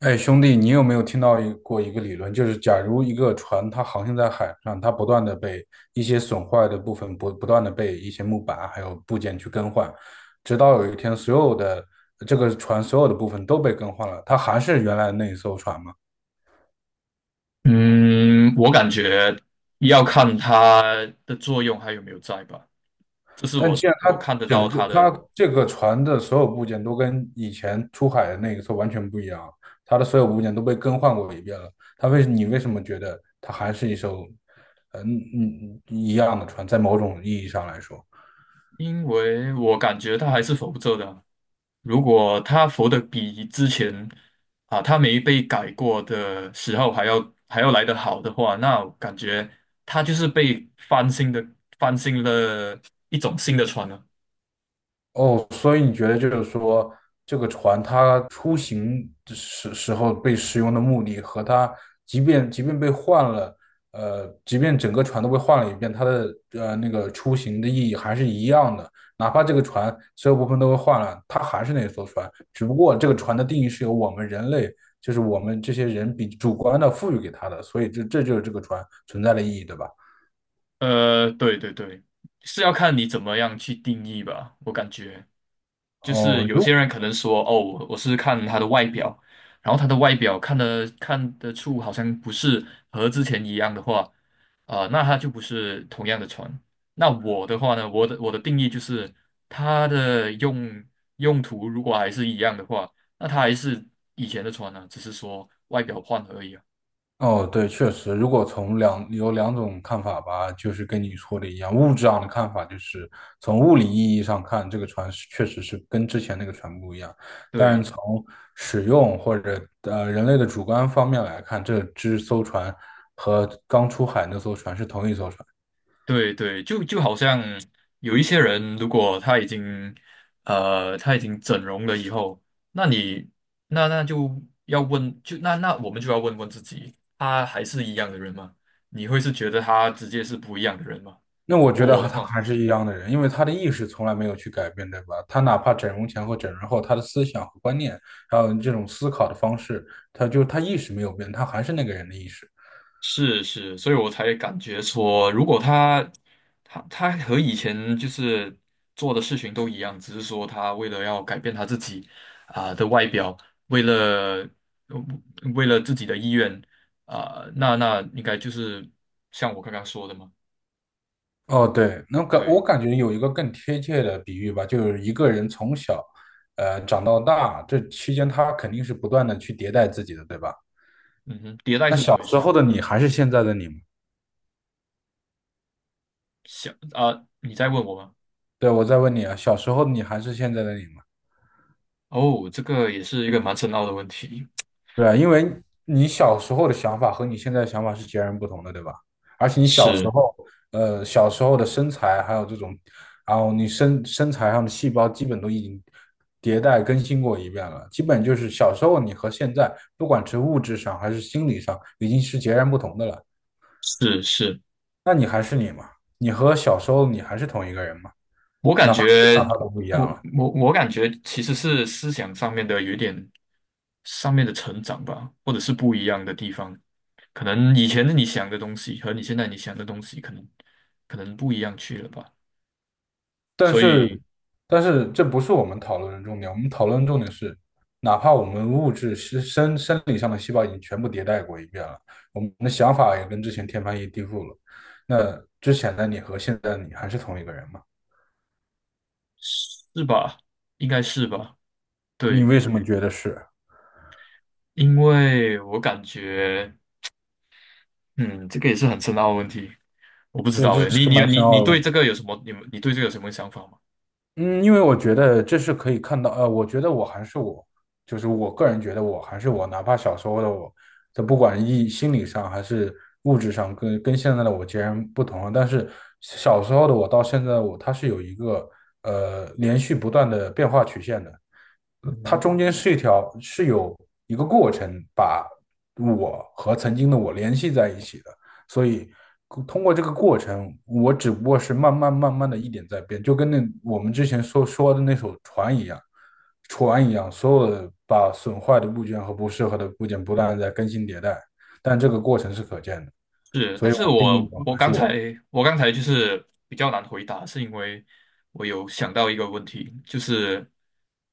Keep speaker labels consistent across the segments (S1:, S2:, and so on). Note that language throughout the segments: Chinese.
S1: 哎，兄弟，你有没有听到过一个理论，就是假如一个船它航行在海上，它不断的被一些损坏的部分不断的被一些木板还有部件去更换，直到有一天所有的这个船所有的部分都被更换了，它还是原来那一艘船吗？
S2: 嗯，我感觉要看它的作用还有没有在吧，这是
S1: 但
S2: 我
S1: 既然
S2: 我
S1: 它
S2: 看得
S1: 整
S2: 到
S1: 个
S2: 它的，
S1: 它这个船的所有部件都跟以前出海的那个时候完全不一样了，它的所有部件都被更换过一遍了，你为什么觉得它还是一艘一样的船？在某种意义上来说，
S2: 因为我感觉它还是浮着的啊。如果它浮的比之前啊它没被改过的时候还要来得好的话，那我感觉它就是被翻新的翻新了一种新的船了。
S1: 哦，所以你觉得就是说，这个船它出行的时候被使用的目的和它，即便被换了，即便整个船都被换了一遍，它的那个出行的意义还是一样的。哪怕这个船所有部分都被换了，它还是那艘船，只不过这个船的定义是由我们人类，就是我们这些人比主观的赋予给它的，所以这就是这个船存在的意义，对吧？
S2: 对对对，是要看你怎么样去定义吧，我感觉。就是
S1: 哦，
S2: 有
S1: 如
S2: 些人可能说，哦，我是看他的外表，然后他的外表看得出好像不是和之前一样的话，啊、那他就不是同样的船。那我的话呢，我的定义就是它的用途如果还是一样的话，那它还是以前的船呢、只是说外表换了而已啊。
S1: 哦，对，确实，如果有两种看法吧，就是跟你说的一样，物质上的看法就是从物理意义上看，这个船是确实是跟之前那个船不一样。但
S2: 对，
S1: 是从使用或者人类的主观方面来看，这艘船和刚出海那艘船是同一艘船。
S2: 对对，就好像有一些人，如果他已经整容了以后，那你那就要问，就那我们就要问问自己，他还是一样的人吗？你会是觉得他直接是不一样的人吗？
S1: 那我觉得
S2: 我
S1: 和
S2: 的
S1: 他
S2: 话。
S1: 还是一样的人，因为他的意识从来没有去改变，对吧？他哪怕整容前和整容后，他的思想和观念，还有这种思考的方式，他就他意识没有变，他还是那个人的意识。
S2: 是是，所以我才感觉说，如果他和以前就是做的事情都一样，只是说他为了要改变他自己啊、的外表，为了呃为了自己的意愿啊、那应该就是像我刚刚说的嘛，
S1: 哦，对，那我
S2: 对，
S1: 感觉有一个更贴切的比喻吧，就是一个人从小，长到大，这期间他肯定是不断的去迭代自己的，对吧？
S2: 嗯哼，迭代
S1: 那
S2: 是什
S1: 小
S2: 么意
S1: 时
S2: 思？
S1: 候的你还是现在的你吗？
S2: 想啊、你在问我吗？
S1: 对，我再问你啊，小时候的你还是现在的你吗？
S2: 哦，这个也是一个蛮深奥的问题，
S1: 对啊，因为你小时候的想法和你现在的想法是截然不同的，对吧？而且你小时
S2: 是
S1: 候，小时候的身材还有这种，然后你身材上的细胞基本都已经迭代更新过一遍了，基本就是小时候你和现在，不管是物质上还是心理上，已经是截然不同的了。
S2: 是是，
S1: 那你还是你嘛？你和小时候你还是同一个人嘛？
S2: 我感
S1: 哪怕思
S2: 觉，
S1: 想上都不一
S2: 我
S1: 样了。
S2: 我感觉其实是思想上面的有一点上面的成长吧，或者是不一样的地方。可能以前你想的东西和你现在你想的东西，可能不一样去了吧。
S1: 但
S2: 所
S1: 是，
S2: 以
S1: 但是这不是我们讨论的重点。我们讨论的重点是，哪怕我们物质是生理上的细胞已经全部迭代过一遍了，我们的想法也跟之前天翻地覆了。那之前的你和现在的你还是同一个人吗？
S2: 是吧？应该是吧？
S1: 你
S2: 对，
S1: 为什么觉得是？
S2: 因为我感觉，嗯，这个也是很深奥的问题，我不知
S1: 对，
S2: 道
S1: 这
S2: 诶。
S1: 是
S2: 你
S1: 个
S2: 你有
S1: 蛮
S2: 你
S1: 深
S2: 你
S1: 奥的问
S2: 对
S1: 题。
S2: 这个有什么？你对这个有什么想法吗？
S1: 嗯，因为我觉得这是可以看到，我觉得我还是我，就是我个人觉得我还是我，哪怕小时候的我，这不管心理上还是物质上跟，跟现在的我截然不同了。但是小时候的我到现在的我，它是有一个连续不断的变化曲线的，它
S2: 嗯。
S1: 中间是一条是有一个过程把我和曾经的我联系在一起的。所以通过这个过程，我只不过是慢慢慢慢的一点在变，就跟那我们之前说的那艘船一样，所有的把损坏的部件和不适合的部件不断的在更新迭代，但这个过程是可见的，
S2: 是，
S1: 所
S2: 但
S1: 以
S2: 是
S1: 我定义
S2: 我
S1: 我
S2: 我
S1: 还是
S2: 刚才
S1: 我。
S2: 我刚才就是比较难回答，是因为我有想到一个问题，就是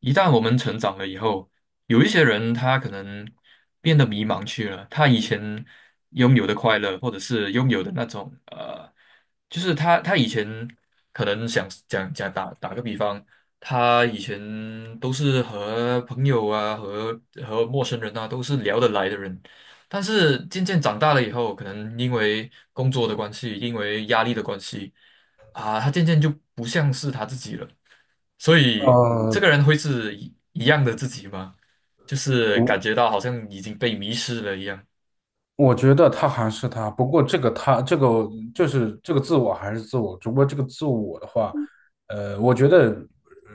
S2: 一旦我们成长了以后，有一些人他可能变得迷茫去了，他以前拥有的快乐，或者是拥有的那种就是他以前可能想讲讲打个比方，他以前都是和朋友啊和陌生人啊都是聊得来的人。但是渐渐长大了以后，可能因为工作的关系，因为压力的关系啊，他渐渐就不像是他自己了。所以
S1: 呃，
S2: 这个人会是一样的自己吗？就是感
S1: 我
S2: 觉到好像已经被迷失了一样。
S1: 我觉得他还是他，不过这个就是这个自我还是自我，只不过这个自我的话，我觉得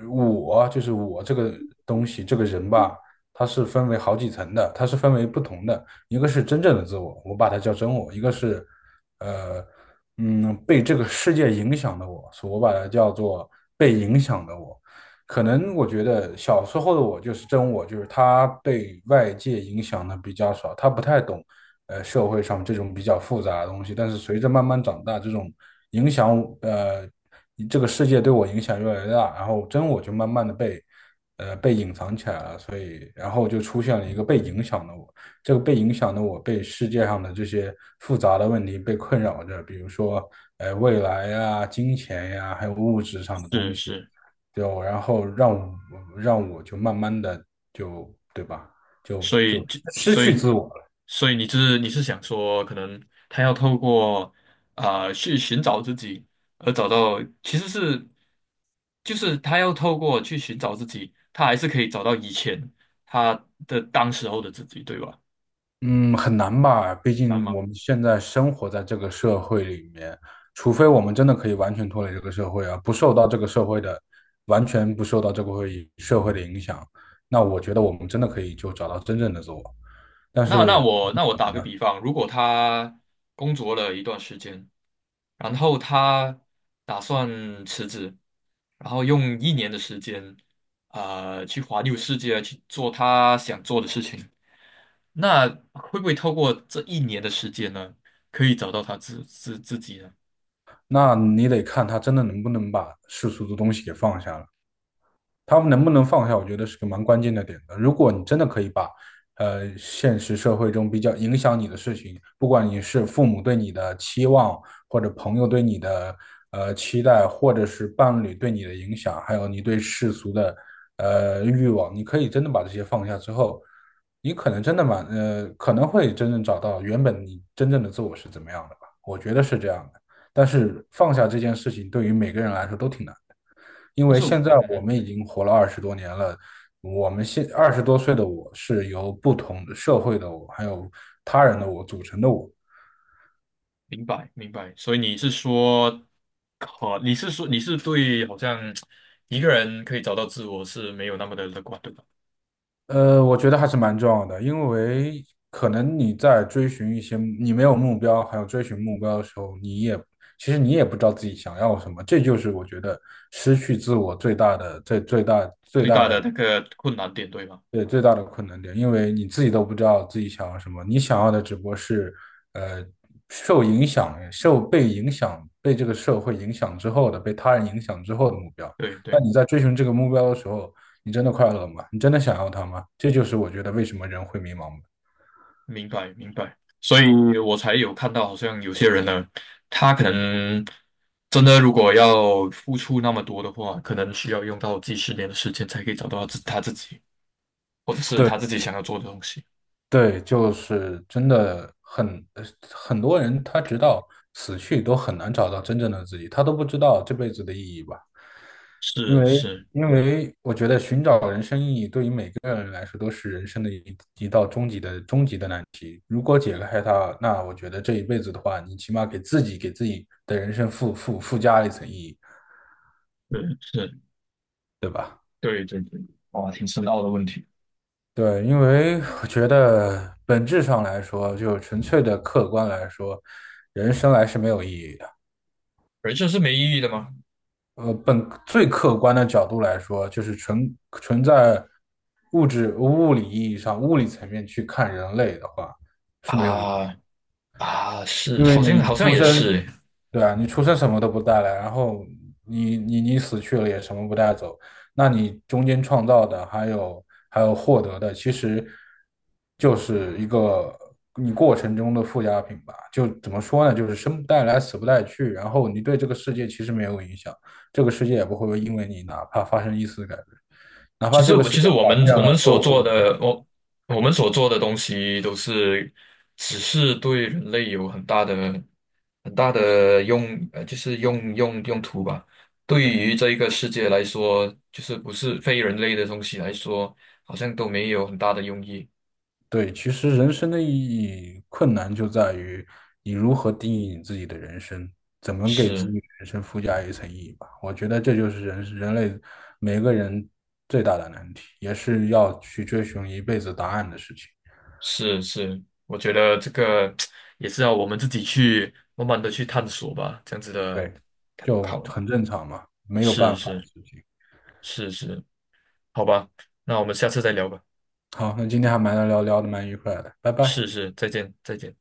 S1: 我就是我这个东西这个人吧，它是分为好几层的，它是分为不同的，一个是真正的自我，我把它叫真我，一个是呃被这个世界影响的我，所以我把它叫做被影响的我。可能我觉得小时候的我就是真我，就是他被外界影响的比较少，他不太懂社会上这种比较复杂的东西。但是随着慢慢长大，这种影响呃这个世界对我影响越来越大，然后真我就慢慢的被被隐藏起来了，所以然后就出现了一个被影响的我。这个被影响的我，被世界上的这些复杂的问题被困扰着，比如说，未来呀、金钱呀，还有物质上的东
S2: 是
S1: 西，
S2: 是，
S1: 就然后让我就慢慢的就对吧，就
S2: 所以
S1: 就
S2: 就
S1: 失
S2: 所
S1: 去
S2: 以
S1: 自我了。
S2: 所以你是想说，可能他要透过啊、去寻找自己，而找到其实是就是他要透过去寻找自己，他还是可以找到以前他的当时候的自己，对吧？
S1: 嗯，很难吧？毕
S2: 难
S1: 竟
S2: 吗？
S1: 我们现在生活在这个社会里面，除非我们真的可以完全脱离这个社会啊，不受到这个社会的，完全不受到这个社会的影响，那我觉得我们真的可以就找到真正的自我。但
S2: 那那
S1: 是，
S2: 我那我打个比方，如果他工作了一段时间，然后他打算辞职，然后用一年的时间，去环游世界，去做他想做的事情。那会不会透过这一年的时间呢，可以找到他自己呢？
S1: 那你得看他真的能不能把世俗的东西给放下了。他们能不能放下，我觉得是个蛮关键的点的。如果你真的可以把，现实社会中比较影响你的事情，不管你是父母对你的期望，或者朋友对你的期待，或者是伴侣对你的影响，还有你对世俗的欲望，你可以真的把这些放下之后，你可能真的蛮可能会真正找到原本你真正的自我是怎么样的吧？我觉得这样的。但是放下这件事情，对于每个人来说都挺难的。因
S2: 但
S1: 为
S2: 是我
S1: 现在
S2: 嗯
S1: 我
S2: 哼，
S1: 们已经活了二十多年了，我们现二十多岁的我是由不同的社会的我，还有他人的我组成的我。
S2: 明白明白。所以你是说，你是对好像一个人可以找到自我是没有那么的乐观，对吧？
S1: 我觉得还是蛮重要的，因为可能你在追寻一些你没有目标，还有追寻目标的时候，你也其实你也不知道自己想要什么，这就是我觉得失去自我最
S2: 最
S1: 大
S2: 大的
S1: 的，
S2: 那个困难点，对吗？
S1: 对，最大的困难点，因为你自己都不知道自己想要什么，你想要的只不过是，呃，受影响、受被影响、被这个社会影响之后的、被他人影响之后的目标。
S2: 对
S1: 但
S2: 对。
S1: 你在追寻这个目标的时候，你真的快乐吗？你真的想要它吗？这就是我觉得为什么人会迷茫吧。
S2: 明白明白，所以我才有看到，好像有些人呢，他可能真的如果要付出那么多的话，可能需要用到几十年的时间才可以找到自己，或者是
S1: 对
S2: 他自己想要做的东西。
S1: 对，就是真的很呃很多人，他直到死去都很难找到真正的自己，他都不知道这辈子的意义吧。因
S2: 是
S1: 为
S2: 是
S1: 因为我觉得寻找人生意义对于每个人来说都是人生的一道终极的难题。如果解开它，那我觉得这一辈子的话，你起码给自己的人生附加了一层意义，
S2: 是是，
S1: 对吧？
S2: 对对对，哇，挺深奥的问题。
S1: 对，因为我觉得本质上来说，就纯粹的客观来说，人生来是没有意义的。
S2: 人生是没意义的吗？
S1: 本最客观的角度来说，就是纯在物理意义上、物理层面去看人类的话，是没有意义。
S2: 啊啊，是，
S1: 因为
S2: 好像
S1: 你
S2: 好像
S1: 出
S2: 也
S1: 生，
S2: 是欸。
S1: 对啊，你出生什么都不带来，然后你死去了也什么不带走，那你中间创造的还有获得的，其实就是一个你过程中的附加品吧。就怎么说呢，就是生不带来，死不带去，然后你对这个世界其实没有影响，这个世界也不会因为你哪怕发生一丝改变，哪
S2: 其
S1: 怕
S2: 实，
S1: 这个
S2: 我
S1: 世
S2: 其
S1: 界
S2: 实我
S1: 改
S2: 们
S1: 变
S2: 我
S1: 了，
S2: 们
S1: 又
S2: 所
S1: 会
S2: 做
S1: 怎么样？
S2: 的，我们所做的东西都是，只是对人类有很大的、很大的用，就是用途吧。对
S1: 对。
S2: 于这一个世界来说，就是不是非人类的东西来说，好像都没有很大的用意。
S1: 对，其实人生的意义困难就在于你如何定义你自己的人生，怎么给自
S2: 是
S1: 己的人生附加一层意义吧。我觉得这就是人类每个人最大的难题，也是要去追寻一辈子答案的事情。
S2: 是是，我觉得这个 也是要我们自己去慢慢的去探索吧，这样子的
S1: 对，就
S2: 考虑。
S1: 很正常嘛，没有
S2: 是
S1: 办法的
S2: 是
S1: 事情。
S2: 是是，好吧，那我们下次再聊吧。
S1: 好，那今天还蛮愉快的，拜拜。
S2: 是是，再见再见。